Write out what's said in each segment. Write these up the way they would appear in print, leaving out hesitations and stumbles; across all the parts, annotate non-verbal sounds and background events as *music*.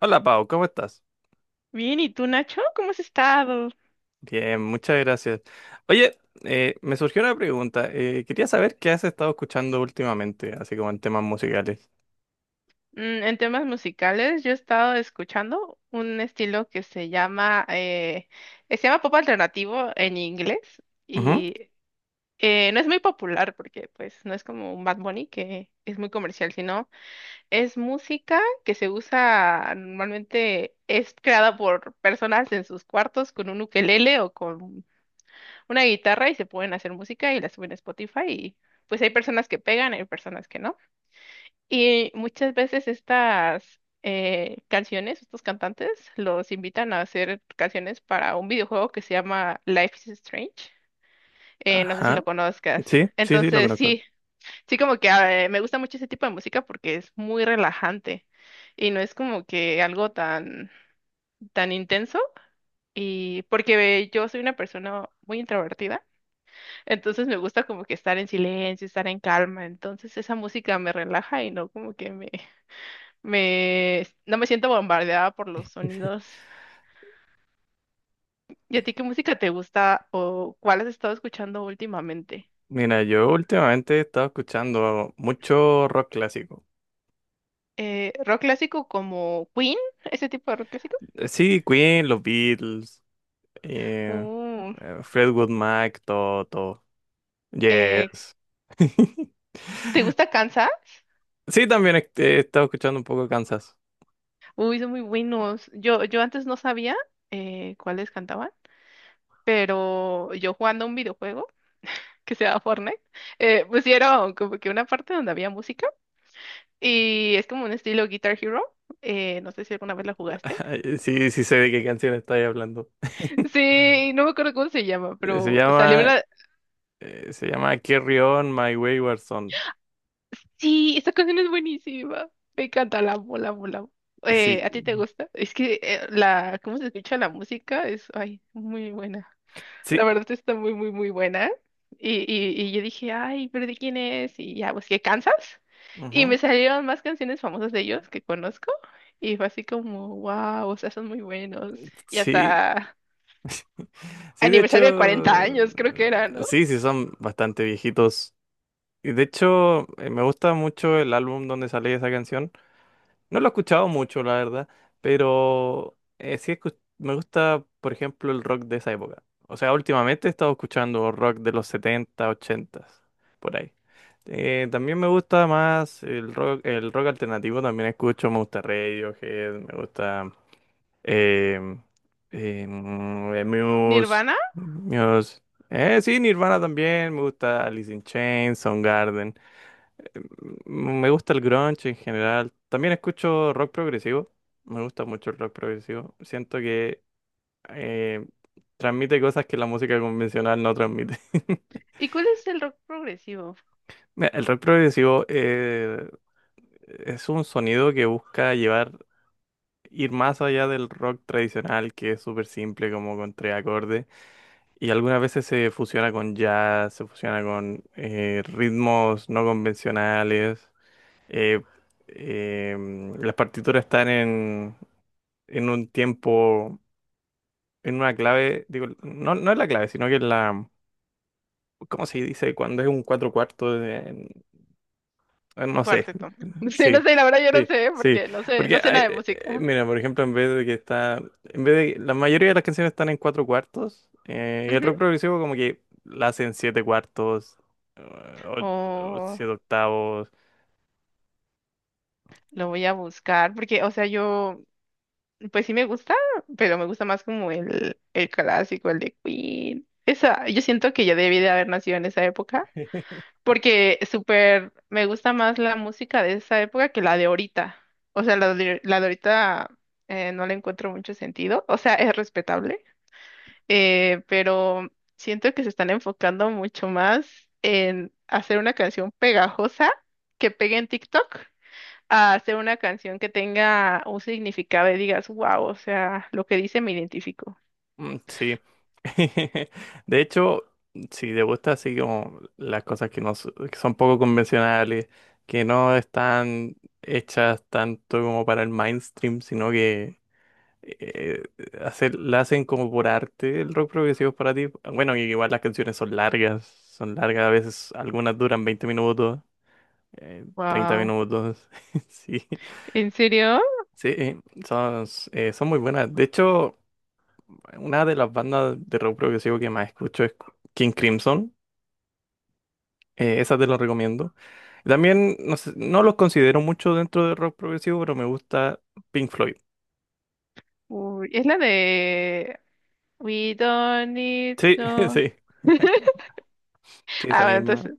Hola Pau, ¿cómo estás? Bien, ¿y tú, Nacho? ¿Cómo has estado? Bien, muchas gracias. Oye, me surgió una pregunta. Quería saber qué has estado escuchando últimamente, así como en temas musicales. En temas musicales, yo he estado escuchando un estilo que se llama pop alternativo en inglés Ujú. y no es muy popular porque pues no es como un Bad Bunny que es muy comercial, sino es música que se usa normalmente, es creada por personas en sus cuartos con un ukelele o con una guitarra y se pueden hacer música y la suben a Spotify y pues hay personas que pegan, hay personas que no. Y muchas veces estas canciones, estos cantantes, los invitan a hacer canciones para un videojuego que se llama Life is Strange. No sé si Ajá. lo conozcas. Sí, sí, sí, lo Entonces, conozco. sí, sí como que me gusta mucho ese tipo de música porque es muy relajante y no es como que algo tan, tan intenso. Y porque yo soy una persona muy introvertida, entonces me gusta como que estar en silencio, estar en calma. Entonces esa música me relaja y no como que no me siento bombardeada por los sonidos. ¿Y a ti qué música te gusta o cuál has estado escuchando últimamente? Mira, yo últimamente he estado escuchando mucho rock clásico. Rock clásico como Queen, ese tipo de rock clásico. Sí, Queen, los Beatles, eh, Uh, Fleetwood Mac, todo, todo. eh, Yes. *laughs* ¿Te gusta Kansas? Sí, también he estado escuchando un poco Kansas. Uy, son muy buenos. Yo antes no sabía cuáles cantaban, pero yo jugando un videojuego *laughs* que se llama Fortnite, pusieron como que una parte donde había música y es como un estilo Guitar Hero. No sé si alguna vez la jugaste. *laughs* Sí, sí sé de qué canción estáis hablando. Sí, no me acuerdo cómo se llama, Eh, Se pero salió llama, una. Se llama Carry On My Wayward Son. Sí, esta canción es buenísima. Me encanta, la amo, la amo, la amo. Sí, ¿A ti te gusta? Es que la, cómo se escucha la música es, ay, muy buena. sí, La verdad está muy, muy, muy buena. Y yo dije, ay, pero ¿de quién es? Y ya, pues, ¿qué, Kansas? Y me ujú, salieron más canciones famosas de ellos que conozco. Y fue así como, wow, o sea, son muy buenos. Y sí, hasta sí, de aniversario de 40 hecho, años, creo que era, ¿no? sí, sí, son bastante viejitos. Y de hecho, me gusta mucho el álbum donde sale esa canción. No lo he escuchado mucho, la verdad, pero me gusta, por ejemplo, el rock de esa época. O sea, últimamente he estado escuchando rock de los 70 80, por ahí. También me gusta más el rock alternativo, también escucho, me gusta Radiohead, me gusta em, Muse, Nirvana. Muse. Sí, Nirvana también, me gusta Alice in Chains, Soundgarden. Me gusta el grunge en general. También escucho rock progresivo. Me gusta mucho el rock progresivo. Siento que eh, transmite cosas que la música convencional no transmite. *laughs* ¿Y cuál es el rock progresivo? Mira, el rock progresivo es un sonido que busca llevar, ir más allá del rock tradicional, que es súper simple, como con tres acordes. Y algunas veces se fusiona con jazz, se fusiona con ritmos no convencionales. eh, eh, las partituras están en un tiempo, en una clave, digo, no, no es la clave, sino que es la, ¿cómo se dice? Cuando es un cuatro cuartos, no sé. Cuarteto. *laughs* *laughs* Sí, no Sí, sé, la verdad yo no sí, sé, sí, porque no sé, no sé nada de música. mira, por ejemplo, en vez de, la mayoría de las canciones están en cuatro cuartos, y el Ujú. rock progresivo como que la hacen siete cuartos, eh, o, o O siete octavos. lo voy a buscar, porque, o sea, yo, pues sí me gusta, pero me gusta más como el clásico, el de Queen. Esa, yo siento que yo debí de haber nacido en esa época, *laughs* porque súper me gusta más la música de esa época que la de ahorita. O sea, la de ahorita no le encuentro mucho sentido. O sea, es respetable pero siento que se están enfocando mucho más en hacer una canción pegajosa que pegue en TikTok, a hacer una canción que tenga un significado y digas, wow, o sea, lo que dice me identifico. Mm. Sí. *laughs* De hecho, si te gusta así como las cosas que no s- que son poco convencionales, que no están hechas tanto como para el mainstream, sino que eh, la hacen como por arte, el rock progresivo es para ti. Bueno, y igual las canciones son largas, a veces algunas duran 20 minutos, 30 Wow, minutos. *laughs* Sí, ¿en serio? sí, son, son muy buenas. De hecho, una de las bandas de rock progresivo que más escucho es King Crimson. Esa te la recomiendo. También no sé, no los considero mucho dentro de rock progresivo, pero me gusta Pink Floyd. Uy, es la de we don't need Sí, *laughs* no. sí, *laughs* sí, esa Ah, bueno, misma. entonces,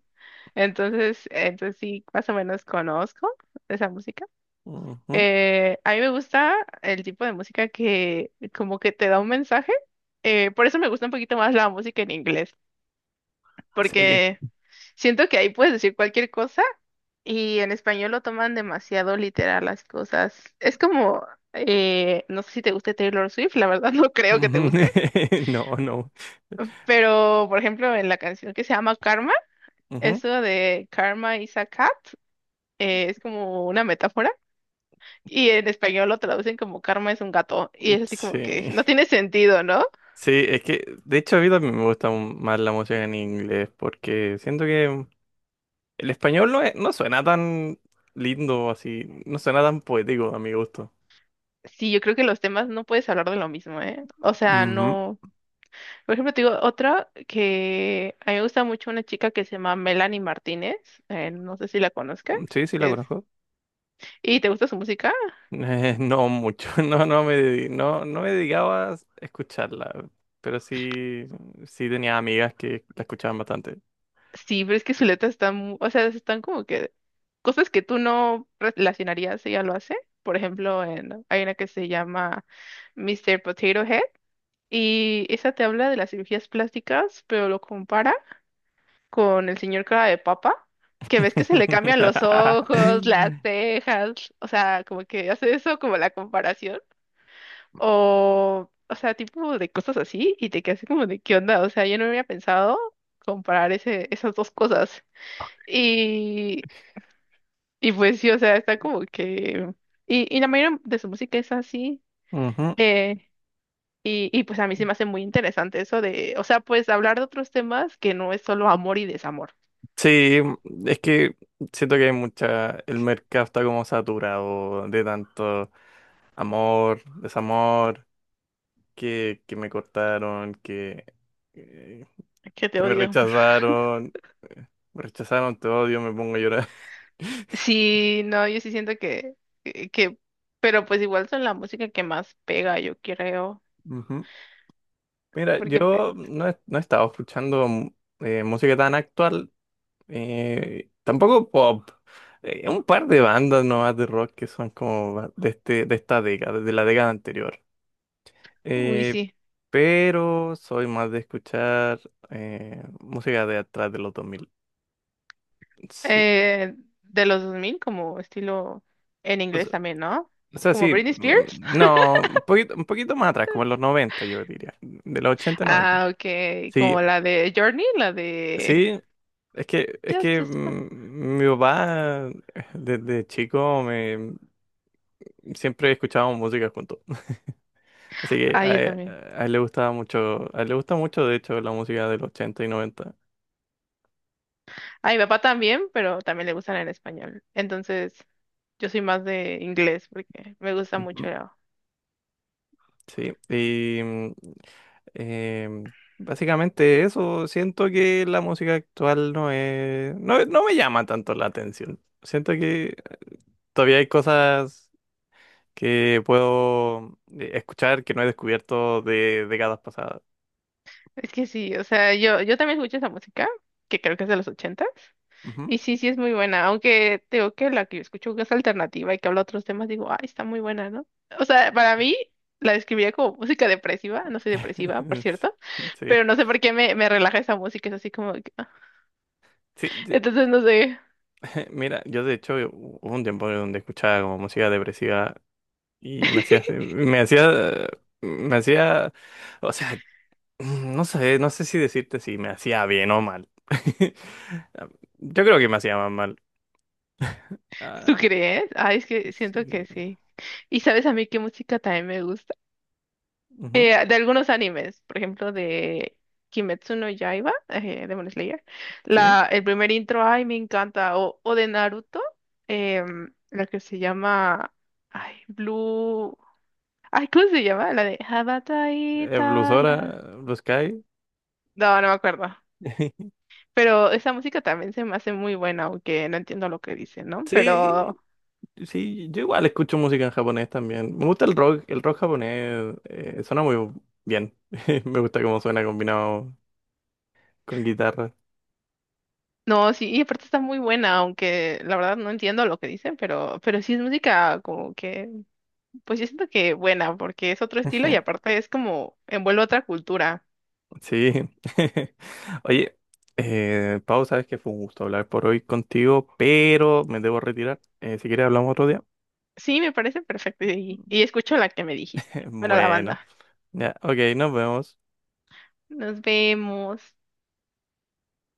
entonces, entonces sí, más o menos conozco esa música. Ujú. A mí me gusta el tipo de música que como que te da un mensaje. Por eso me gusta un poquito más la música en inglés, Sí. porque siento que ahí puedes decir cualquier cosa y en español lo toman demasiado literal las cosas. Es como, no sé si te guste Taylor Swift, la verdad *laughs* no creo que te Ujú. guste, *laughs* No, no. pero por ejemplo en la canción que se llama Karma, Ujú. eso de Karma is a cat, es como una metáfora. Y en español lo traducen como karma es un gato. Y es así como que Sí. no tiene sentido, ¿no? Sí, es que de hecho a mí también me gusta más la música en inglés porque siento que el español no suena tan lindo así, no suena tan poético a mi gusto. Sí, yo creo que los temas no puedes hablar de lo mismo, ¿eh? O sea, no. Por ejemplo, te digo otra que a mí me gusta mucho una chica que se llama Melanie Martínez. No sé si la conozcas. Sí, sí, la Es. conozco. *laughs* ¿Y te gusta su música? No mucho. *laughs* No, no, no me dedicaba a escucharla, pero sí, sí tenía amigas que la escuchaban bastante. Sí, pero es que su letra está, o sea, están como que cosas que tú no relacionarías, ella lo hace. Por ejemplo, en, hay una que se llama Mr. Potato Head y esa te habla de las cirugías plásticas, pero lo compara con el señor cara de papa, que ves que se le cambian los ojos, las *laughs* cejas, o sea, como que hace eso como la comparación, tipo de cosas así, y te quedas así como de qué onda, o sea, yo no había pensado comparar esas dos cosas. Y, y pues sí, o sea, está como que. Y la mayoría de su música es así. Ujú. eh, y pues a mí se me hace muy interesante eso de, o sea, pues hablar de otros temas que no es solo amor y desamor. Sí, es que siento que hay mucha, el mercado está como saturado de tanto amor, desamor, que me cortaron, que Que te que odio. Me rechazaron, te odio, me pongo a llorar. *laughs* Sí, no, yo sí siento que, que, que- pero pues igual son la música que más pega, yo creo, Ujú. Mira, yo porque, pues, no he estado escuchando música tan actual, tampoco pop. Un par de bandas nomás de rock que son como ba- de, este, de esta década, de la década anterior. uy, Eh, sí, pero soy más de escuchar música de atrás de los dos mil. Sí, eh, de los 2000 como estilo en o inglés sea, también, ¿no? o sea, Como sí, Britney Spears. no, *laughs* un poquito más atrás, como en los 90 yo diría, de los 80 noventa. Ah, ok, Sí. como la de Journey, la de Sí, es que Just a Spot. Mi papá desde chico me siempre escuchábamos música juntos. *laughs* Así que Ah, yo también. a él le gustaba mucho, a él le gusta mucho de hecho la música del 80 y noventa. Ah, mi papá también, pero también le gustan en español. Entonces, yo soy más de inglés porque me gusta mucho. Ujú. Sí, y em, básicamente eso, siento que la música actual no es, no, no me llama tanto la atención. Siento que todavía hay cosas que puedo escuchar que no he descubierto de décadas pasadas. Es que sí, o sea, yo también escucho esa música, que creo que es de los ochentas. Ujú. Y sí, sí es muy buena, aunque te digo que la que yo escucho que es alternativa y que habla otros temas, digo, ay, está muy buena, ¿no? O sea, para mí la describiría como música depresiva, no soy depresiva, por *laughs* cierto, Sí, pero no sé por qué me relaja esa música, es así como que, ah. sí, de- Entonces, no sé. *laughs* mira, yo de hecho hubo un tiempo donde escuchaba como música depresiva y *laughs* me hacía, o sea, no sé, no sé si decirte si me hacía bien o mal. *laughs* Yo creo que me hacía más mal. Ah, ¿Tú crees? Ay, es que siento que sí, sí. ¿Y sabes a mí qué música también me gusta? ujú, De algunos animes, por ejemplo, de Kimetsu no Yaiba, Demon Slayer, sí, la, el primer intro, ay, me encanta, o de Naruto, la que se llama, ay, Blue, ay, ¿cómo se llama? La de Habatai Blues Tala. Hora, Blue Sky. No, no me acuerdo, *laughs* pero esa música también se me hace muy buena, aunque no entiendo lo que dicen, ¿no? Sí. Pero, Sí, yo igual escucho música en japonés también. Me gusta el rock japonés suena muy bien. *laughs* Me gusta cómo suena combinado con guitarra. no, sí, y aparte está muy buena, aunque la verdad no entiendo lo que dicen, pero sí es música como que pues yo siento que buena, porque es otro estilo y Ujú. aparte es como envuelve otra cultura. Sí. *laughs* Oye, Pau, sabes que fue un gusto hablar por hoy contigo, pero me debo retirar. Si quieres hablamos otro día. Sí, me parece perfecto y *laughs* escucho la que me dijiste. Bueno, la Bueno, banda. ya, ok, nos vemos. Nos vemos.